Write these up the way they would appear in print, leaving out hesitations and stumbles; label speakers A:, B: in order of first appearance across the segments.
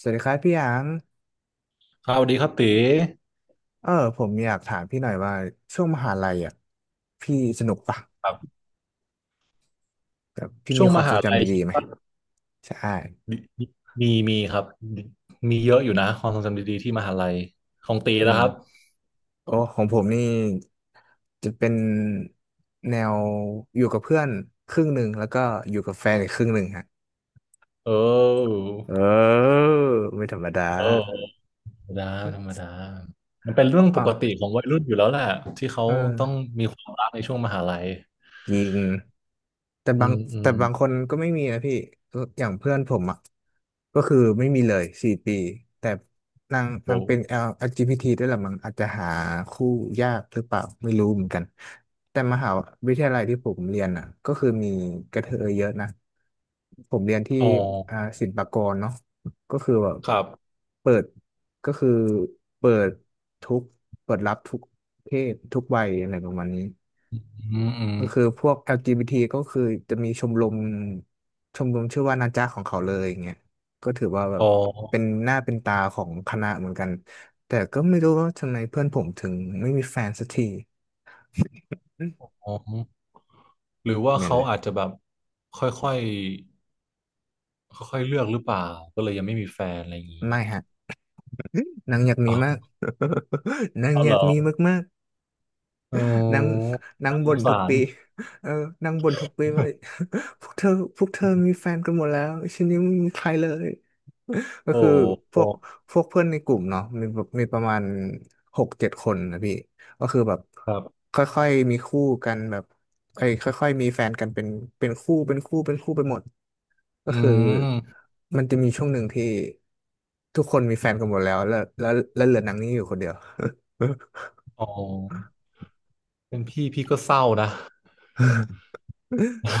A: สวัสดีครับพี่หยาง
B: ครับสวัสดีครับตี
A: เออผมอยากถามพี่หน่อยว่าช่วงมหาลัยอ่ะพี่สนุกปะ
B: ครับ
A: แบบพี่
B: ช่
A: มี
B: วง
A: ค
B: ม
A: วามทร
B: หา
A: ง
B: ลั
A: จำ
B: ย
A: ดี
B: คิด
A: ๆไหม
B: ว่า
A: ใช่
B: มีครับมีเยอะอยู่นะความทรงจำดีๆที่มหาลัยของตี
A: อื
B: นะครับ
A: มโอ้ของผมนี่จะเป็นแนวอยู่กับเพื่อนครึ่งหนึ่งแล้วก็อยู่กับแฟนอีกครึ่งหนึ่งฮะ
B: เออ
A: เออไม่ธรรมดา
B: เออธรรมดาธรรมดามันเป็นเรื่อง
A: อ๋
B: ป
A: อ
B: กติของวัยรุ่นอยู่แล้วแหละที่เขา
A: เออ
B: ต้องมีความรักในช่วงมหาลัย
A: จริง แต่
B: อื
A: บาง
B: มอื
A: แต่
B: ม
A: บางคนก็ไม่มีนะพี่อย่างเพื่อนผมอ่ะก็คือไม่มีเลยสี่ปีแต่นางนา
B: โอ้
A: งเป็น LGBT ด้วยแหละมั้งอาจจะหาคู่ยากหรือเปล่าไม่รู้เหมือนกันแต่มหาวิทยาลัยที่ผมเรียนอ่ะก็คือมีกระเทยเยอะนะผมเรียนที่
B: อ๋อ
A: อ่าศิลปากรเนาะก็คือแบบ
B: ครับ
A: เปิดก็คือเปิดทุกเปิดรับทุกเพศทุกวัยอะไรประมาณนี้
B: อืมอืม
A: ก็คือพวก LGBT ก็คือจะมีชมรมชื่อว่านาจาของเขาเลยอย่างเงี้ยก็ถือว่าแบ
B: อ๋
A: บเป็
B: อ
A: นหน้าเป็นตาของคณะเหมือนกันแต่ก็ไม่รู้ว่าทำไมเพื่อนผมถึงไม่มีแฟนสักทีอืม
B: อ๋อหรือว่า
A: เหม็น
B: เขา
A: เลย
B: อาจจะแบบค่อยๆค่อยๆเลือกหรือเปล่าก็เลยยังไม่มีแฟนอะไรอย่างนี้
A: ไม่ฮะนางอยากมี
B: อ๋อ
A: มาก นาง
B: เอา
A: อ
B: เห
A: ยา
B: ร
A: ก
B: อ
A: มีมากๆ
B: โอ้
A: นั่งนั่ง
B: น่าส
A: บ่
B: ง
A: นทุก
B: สาร
A: ปีเออนั่งบ่นทุกปีว่า พวกเธอพวกเธอมีแฟ นกันหมดแล้วฉันยังไม่มีใครเลย ก็
B: โอ้
A: คือพ
B: โอ้
A: วกพวกเพื่อนในกลุ่มเนาะมีแบบมีประมาณหกเจ็ดคนนะพี่ ก็คือแบบ
B: ครับ
A: ค่อยๆมีคู่กันแบบไอ้ยค่อยๆมีแฟนกันเป็นคู่เป็นคู่เป็นคู่ไปหมดก็
B: อื
A: คือ
B: ม
A: มันจะมีช่วงหนึ่งที่ทุกคนมีแฟนกันหมดแล้วเหลือนางนี้อยู่คนเดียว
B: โอ้เป็นพี่ พี่ก็เศร้านะ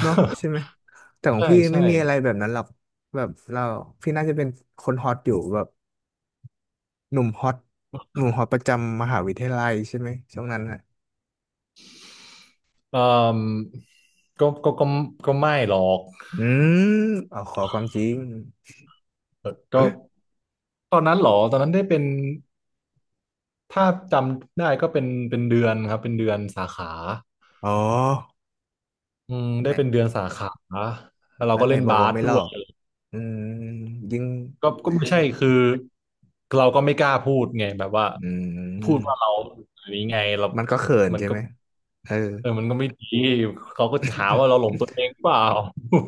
A: เนาะใช่ ไหมแต่ของ
B: ใช่
A: พี่
B: ใช่
A: ไม่มีอะไรแบบนั้นหรอกแบบเราพี่น่าจะเป็นคนฮอตอยู่แบบหนุ่มฮอตหนุ่มฮอตประจำมหาวิทยาลัยใช่ไหมช่วงนั้นอ่ะ
B: เอ่อก็ก็ไม่หรอก
A: อืมเอาขอความจริง
B: ก็ตอนนั้นเหรอ ตอนนั้นได้เป็น ถ้าจำได้ก็เป็นเดือนครับเป็นเดือนสาขา
A: อ๋อ
B: อืมได้
A: แน่
B: เป็นเดือนสาขา แล้วเรา
A: แล้ว
B: ก็
A: ไหน
B: เล่น
A: บอก
B: บา
A: ว่า
B: ส
A: ไม่ห
B: ด้
A: ลอ
B: วย
A: กอืมยิ่ง
B: ก็ไม่ใช่คือเราก็ไม่กล้าพูดไงแบบว่า
A: อื
B: พูดว่า
A: ม
B: เราอย่างนี้ไงเรา
A: มันก็เขิน
B: มัน
A: ใช่
B: ก็
A: ไหมเออ
B: เออมันก็ไม่ดีเขาก็จะหาว่าเราหลงตัวเองเปล่า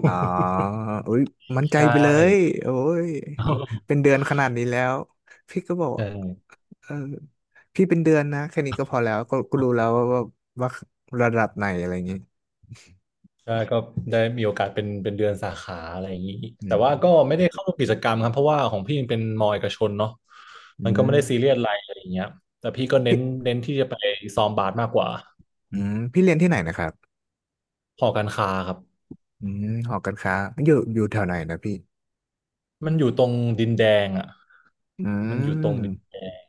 A: อ๋อ อุ้ยมั่นใจ
B: ใช่
A: ไปเลยโอ้ยเป็นเดือนขนาดนี้แล้วพี่ก็บอก
B: ใช่
A: เออพี่เป็นเดือนนะแค่นี้ก็พอแล้วก็ก็รู้แล้วว่าระดับไหนอะไรอย่างงี้
B: ใช่ก็ได้มีโอกาสเป็นเดือนสาขาอะไรอย่างนี้
A: อื
B: แต่
A: ม
B: ว่าก็ไม่ได้เข้ากิจกรรมครับเพราะว่าของพี่มันเป็นมอเอกชนเนาะ
A: อื
B: มันก็ไม่
A: ม
B: ได้ซีเรียสอะไรอะไรอย่างเงี้ยแต่พี่ก็เน้
A: พี่
B: นเน้นที่จะไปซ้อมบาสมากกว่า
A: อืมพี่เรียนที่ไหนนะครับ
B: หอการค้าครับ
A: อืมหอการค้าอยู่แถวไหนนะพี่
B: มันอยู่ตรงดินแดงอ่ะ
A: อื
B: มันอยู่ตรงดิน
A: ม
B: แดง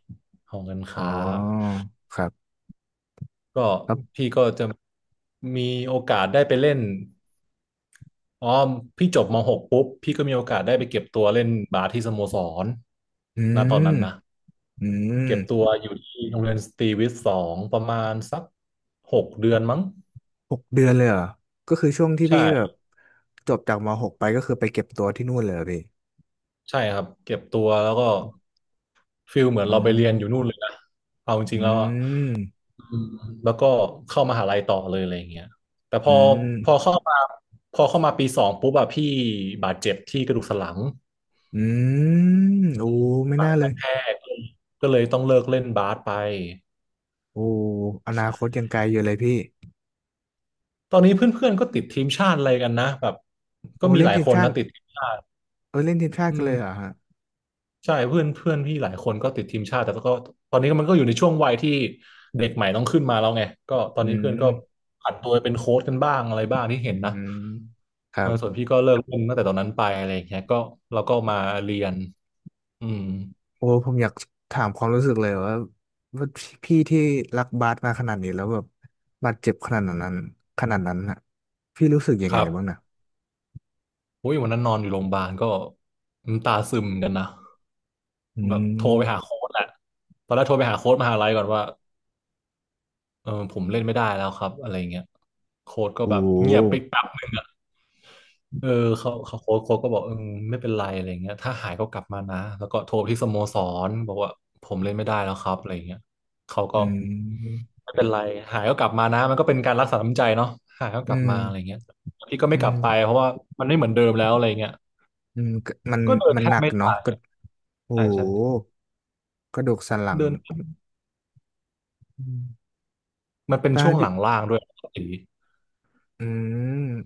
B: ของการ
A: อ๋อ
B: ค้า
A: ครับ
B: ก็
A: ครับ
B: พี่ก็จะมีโอกาสได้ไปเล่นอ๋อพี่จบมหกปุ๊บพี่ก็มีโอกาสได้ไปเก็บตัวเล่นบาสที่สโมสร
A: อื
B: นะตอนนั้
A: ม
B: นนะ
A: อืม
B: เก็บตัวอยู่ที่โรงเรียนสตรีวิทย์สองประมาณสัก6 เดือนมั้ง
A: หกเดือนเลยเหรอก็คือช่วงที่พี่แบบ
B: ใช่
A: จบจากมหกไปก็คือไปเก็บตัวที่นู่นเลยเหรอพี่
B: ใช่ครับเก็บตัวแล้วก็ฟิลเหมือน
A: อ๋อ
B: เราไปเรียนอยู่นู่นเลยนะเอาจริ
A: อื
B: งๆแล้วอะ
A: ม
B: อืมแล้วก็เข้ามหาลัยต่อเลยอะไรอย่างเงี้ยแต่พ
A: อื
B: อ
A: ม
B: พอเข้ามาพอเข้ามาปีสองปุ๊บอะพี่บาดเจ็บที่กระดูกสันหลัง
A: อืมโอ้ไม่
B: หลั
A: น่า
B: ง
A: เล
B: ก
A: ย
B: ระแทกก็เลยต้องเลิกเล่นบาสไป
A: โอ้อนาคตยังไกลอยู่เลยพี่
B: ตอนนี้เพื่อนๆก็ติดทีมชาติอะไรกันนะแบบก็
A: โอ้
B: มี
A: เล่
B: ห
A: น
B: ลาย
A: ทีม
B: คน
A: ชา
B: นะ
A: ติ
B: ติดทีมชาติ
A: เออเล่นทีมชาติ
B: อื
A: กันเลยเหรอ
B: ม
A: ฮะ
B: ใช่เพื่อนเพื่อนพี่หลายคนก็ติดทีมชาติแต่ก็ตอนนี้มันก็อยู่ในช่วงวัยที่เด็กใหม่ต้องขึ้นมาแล้วไงก็ตอน
A: อื
B: นี้เพื่อนก็
A: ม
B: ผันตัวไปเป็นโค้ชกันบ้างอะไรบ้างที่เห็น
A: อื
B: นะ
A: มครั
B: เออ
A: บ
B: ส่วนพี่ก็เลิกเล่นตั้งแต่ตอนนั้นไปอะไรอย่างเงี้ยก็เราก็มาเรียนอืม
A: โอ้ผมอยากถามความรู้สึกเลยว่าพี่ที่รักบาสมาขนาดนี้แล้วแบบบาดเจ็บขนาดนั้นน่ะพี่รู้สึกยัง
B: ค
A: ไง
B: รับ
A: บ้างนะ
B: โอ้ยวันนั้นนอนอยู่โรงพยาบาลก็น้ำตาซึมเหมือนกันนะ
A: อื
B: แบบโทรไปหา
A: ม
B: โค้ชแหละตอนแรกโทรไปหาโค้ชมหาลัยก่อนว่าเออผมเล่นไม่ได้แล้วครับอะไรเงี้ยโค้ชก็
A: โอ
B: แบบเงียบ
A: ้
B: ไป เออเขาเขาโค้ชก็บอกเออไม่เป็นไรอะไรเงี้ยถ้าหายก็กลับมานะแล้วก็โทรไปที่สโมสรบอกว่าผมเล่นไม่ได้แล้วครับอะไรเงี้ยเขาก็
A: อืม
B: ไม่เป็นไรหายก็กลับมานะมันก็เป็นการรักษาน้ำใจเนาะหายก็ก
A: อื
B: ลับ
A: ม
B: มาอะไรเงี้ยพี่ก็
A: อื
B: ไม่กลั
A: ม
B: บไปเพราะว่ามันไม่เหมือนเดิมแล้วอะไรเงี้ย
A: อืมก็มัน
B: ก็เดิน
A: มัน
B: แท
A: ห
B: บ
A: นัก
B: ไม่
A: เนาะ
B: ได้
A: ก็ โอ้
B: ใช่
A: โห
B: ใช่
A: กระดูกสันหลัง
B: เดิน
A: อืม
B: มันเป็น
A: ถ้า
B: ช่วงห
A: พี่
B: ลังล่างด้วยครับสี
A: อืม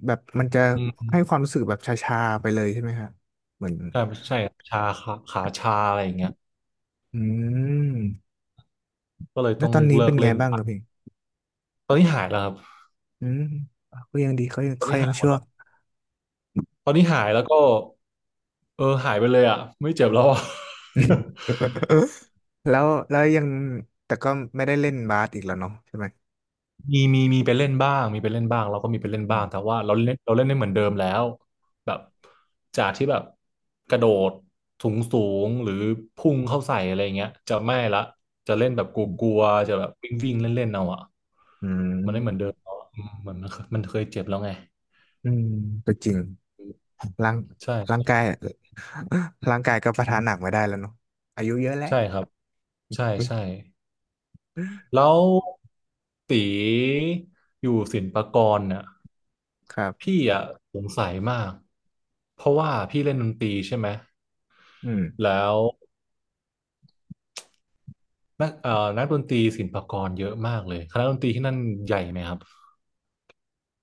A: แบบมันจะ
B: อื
A: ให้ควา
B: ม
A: มรู้สึกแบบชาๆไปเลยใช่ไหมครับเหมือน
B: ใช่ใช่ชาขาชาอะไรอย่างเงี้ย
A: อืม
B: ก็เลย
A: แล้
B: ต้
A: ว
B: อง
A: ตอนนี้
B: เลิ
A: เป็
B: ก
A: นไง
B: เล่น
A: บ้าง
B: ไป
A: ครับพี่
B: ตอนนี้หายแล้วครับ
A: อืมก็ยังดีเขายัง
B: ตอน
A: เขา
B: นี้
A: ยั
B: หา
A: ง
B: ยหมด
A: ชั่ว
B: แล้ว ตอนนี้หายแล้วก็เออหายไปเลยอ่ะไม่เจ็บแล้วอ่ะ
A: แล้วแล้วยังแต่ก็ไม่ได้เล่นบาสอีกแล้วเนาะใช่ไหม
B: มีไปเล่นบ้างมีไปเล่นบ้างเราก็มีไปเล่นบ้า
A: อื
B: งแต่
A: ม
B: ว่าเราเล่นได้เหมือนเดิมแล้วแบบจากที่แบบกระโดดสูงสูงหรือพุ่งเข้าใส่อะไรเงี้ยจะไม่ละจะเล่นแบบก
A: อืม
B: ลัวๆจะแบบวิ่งวิ่งเล่นเล่นๆเอาอ่ะ
A: อื
B: มันไม่เหมือนเดิ
A: ม
B: มแล้วอะอืมเหมือนมันเคยเจ็บแล้วไง
A: อืมก็จริงร่าง
B: ใช่
A: ร่างกายร่างกายก็ประทานหนักไม่ได้แล้วเนาะอายุเยอะแล้ว
B: ใช่ครับใช่ใช่ แล้วตีอยู่ศิลปากรเนี่ย
A: ครับ
B: พี่อะสงสัยมากเพราะว่าพี่เล่นดนตรีใช่ไหม
A: อืม
B: แล้วนักนักดนตรีศิลปากรเยอะมากเลยคณะดนตรีที่นั่นใหญ่ไหมครับ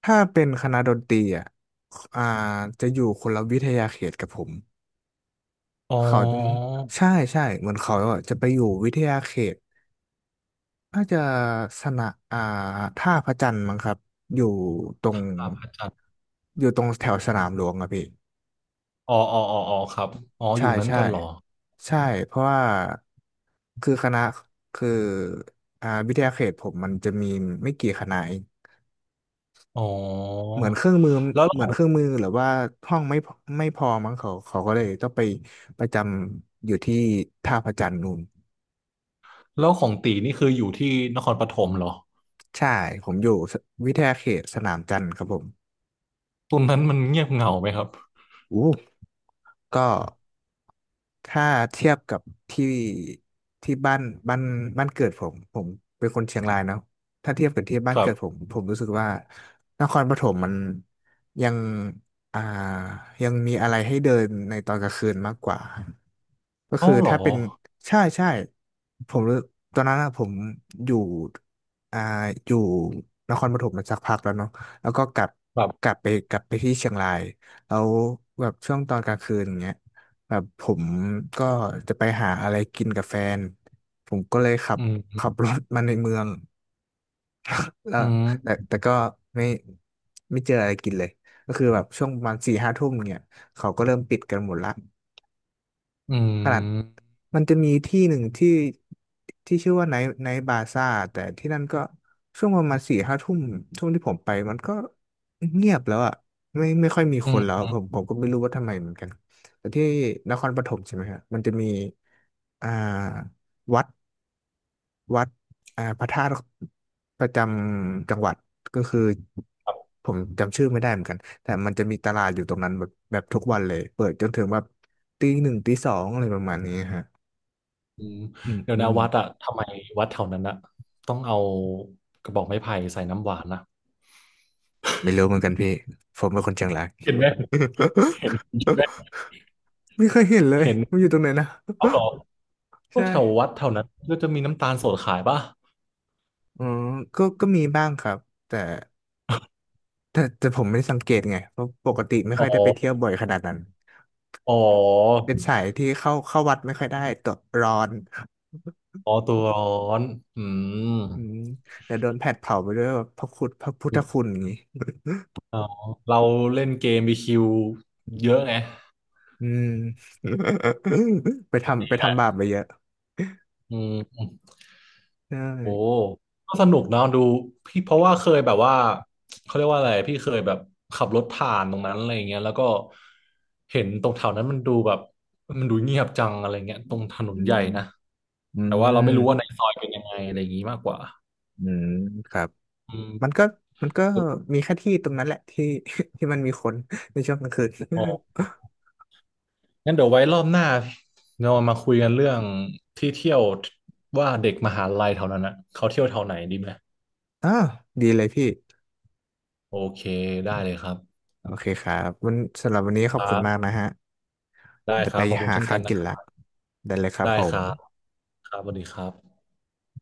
A: ถ้าเป็นคณะดนตรีอ่ะอ่าจะอยู่คนละวิทยาเขตกับผม
B: อ๋อ
A: เขาจะใช่ใช่เหมือนเขาอะจะไปอยู่วิทยาเขตน่าจะสนะอ่าท่าพระจันทร์มั้งครับอยู่ตรง
B: ครับอาจารย์
A: อยู่ตรงแถวสนามหลวงอะพี่
B: อ๋ออ๋ออ๋ออ๋อครับอ๋ออ
A: ใช่
B: ยู่นั้น
A: ใช่
B: กันเหรอ
A: ใช่เพราะว่าคือคณะคืออ่าวิทยาเขตผมมันจะมีไม่กี่คณะเอง
B: อ๋อ
A: เหมือนเครื่องมือ
B: แล้วข
A: เหมือ
B: อ
A: นเครื่
B: ง
A: องมือหรือว่าห้องไม่พอไม่พอมั้งเขาก็เลยต้องไปประจำอยู่ที่ท่าพระจันทร์นู่น
B: แล้วของตีนี่คืออยู่ที่นครปฐมเหรอ
A: ใช่ผมอยู่วิทยาเขตสนามจันทร์ครับผม
B: ตรงนั้นมันเงียบเหงาไหมครับ
A: อู้ก็ ถ้าเทียบกับที่ที่บ้านบ้านเกิดผมผมเป็นคนเชียงรายเนาะถ้าเทียบกับที่บ้าน
B: ครั
A: เกิดผม
B: บ
A: ผมรู้สึกว่านครปฐมมันยังอ่ายังมีอะไรให้เดินในตอนกลางคืนมากกว่าก็คื
B: เอ้า
A: อ
B: เหรอ
A: ถ้าเป็นใช่ใช่ผมรู้ตอนนั้นอะผมอยู่อ่าอยู่นครปฐมมาสักพักแล้วเนาะแล้วก็กลับ
B: แบบ
A: กลับไปที่เชียงรายแล้วแบบช่วงตอนกลางคืนอย่างเงี้ย แบบผมก็จะไปหาอะไรกินกับแฟน ผมก็เลยขับ
B: อืม
A: ขับรถมาในเมืองแล้
B: อื
A: ว
B: ม
A: แต่ก็ไม่ไม่เจออะไรกินเลยก็คือแบบช่วงประมาณสี่ห้าทุ่มเนี่ยเขาก็เริ่มปิดกันหมดละ
B: อื
A: ขนาด
B: ม
A: มันจะมีที่หนึ่งที่ที่ชื่อว่าไนท์บาซ่าแต่ที่นั่นก็ช่วงประมาณสี่ห้าทุ่มช่วงที่ผมไปมันก็เงียบแล้วอ่ะไม่ค่อยมี
B: อื
A: คนแล้ว
B: ม
A: ผมก็ไม่รู้ว่าทำไมเหมือนกันแต่ที่นครปฐมใช่ไหมครับมันจะมีอ่าวัดวัดอ่าพระธาตุประจำจังหวัดก็คือผมจำชื่อไม่ได้เหมือนกันแต่มันจะมีตลาดอยู่ตรงนั้นแบบแบบทุกวันเลยเปิดจนถึงแบบตีหนึ่งตีสองอะไรประมาณนี้ฮะ
B: อืม
A: อืม
B: เดี๋ยว
A: อื
B: นะ
A: ม
B: วัดอะทำไมวัดแถวนั้นอะต้องเอากระบอกไม้ไผ่ใส่น้ำหวานนะ
A: ไม่รู้เหมือนกันพี่ผมเป็นคนเชียงราย
B: เห็นไหมเห็นเห็นไหม
A: ไม่เคยเห็นเลย
B: เห็น
A: มันอยู่ตรงไหนนะ
B: เอาเหรอก็
A: ใช่
B: แถววัดแถวนั้นก็จะมีน้ำตาลสดขายป่ะ
A: อืมก็ก็มีบ้างครับแต่แต่ผมไม่สังเกตไงเพราะปกติไม่
B: อ๋
A: ค่อยได้ไปเที่ยว
B: อ
A: บ่อยขนาดนั้น
B: อ๋อ
A: เป็นสายที่เข้าวัดไม่ค่อยได้ตัวร้อน
B: อ๋อตัวร้อนอืม
A: อืมแต่โดนแผดเผาไปด้วยแบบพระคุณพระพุทธคุณอย่างนี้
B: อ๋อเราเล่นเกมบีคิวเยอะไง
A: อืม ไปทำบาปไปเยอะ
B: อืม
A: ใช่
B: โอ้ก็สนุกเนอะดูพี่เพราะว่าเคยแบบว่าเขาเรียกว่าอะไรพี่เคยแบบขับรถผ่านตรงนั้นอะไรอย่างเงี้ยแล้วก็เห็นตรงแถวนั้นมันดูแบบมันดูเงียบจังอะไรเงี้ยตรงถน
A: อื
B: นใหญ่
A: ม
B: นะ
A: อื
B: แต่ว่าเราไม่
A: ม
B: รู้ว่าในซอยเป็นยังไงอะไรอย่างงี้มากกว่า
A: อืมครับ
B: อืม
A: มันก็มันก็มีแค่ที่ตรงนั้นแหละที่ ที่มันมีคนในช่วงกลางคืน
B: อ๋องั้นเดี๋ยวไว้รอบหน้าเรามาคุยกันเรื่องที่เที่ยวว่าเด็กมหาลัยแถวนั้นนะเขาเที่ยวแถวไหนดีไหม
A: อ้าวดีเลยพี่
B: โอเคได้เลยครับ
A: โอเคครับวันสำหรับวันนี้ขอ
B: ค
A: บ
B: รั
A: คุณมาก
B: บ
A: นะฮะ
B: ได้
A: จะ
B: ค
A: ไป
B: รับขอบคุณ
A: หา
B: เช่น
A: ข้า
B: กั
A: ว
B: นนะ
A: กิน
B: ครั
A: ละ
B: บ
A: ได้เลยครับ
B: ได้
A: ผ
B: ค
A: ม
B: รับครับสวัสดีครับ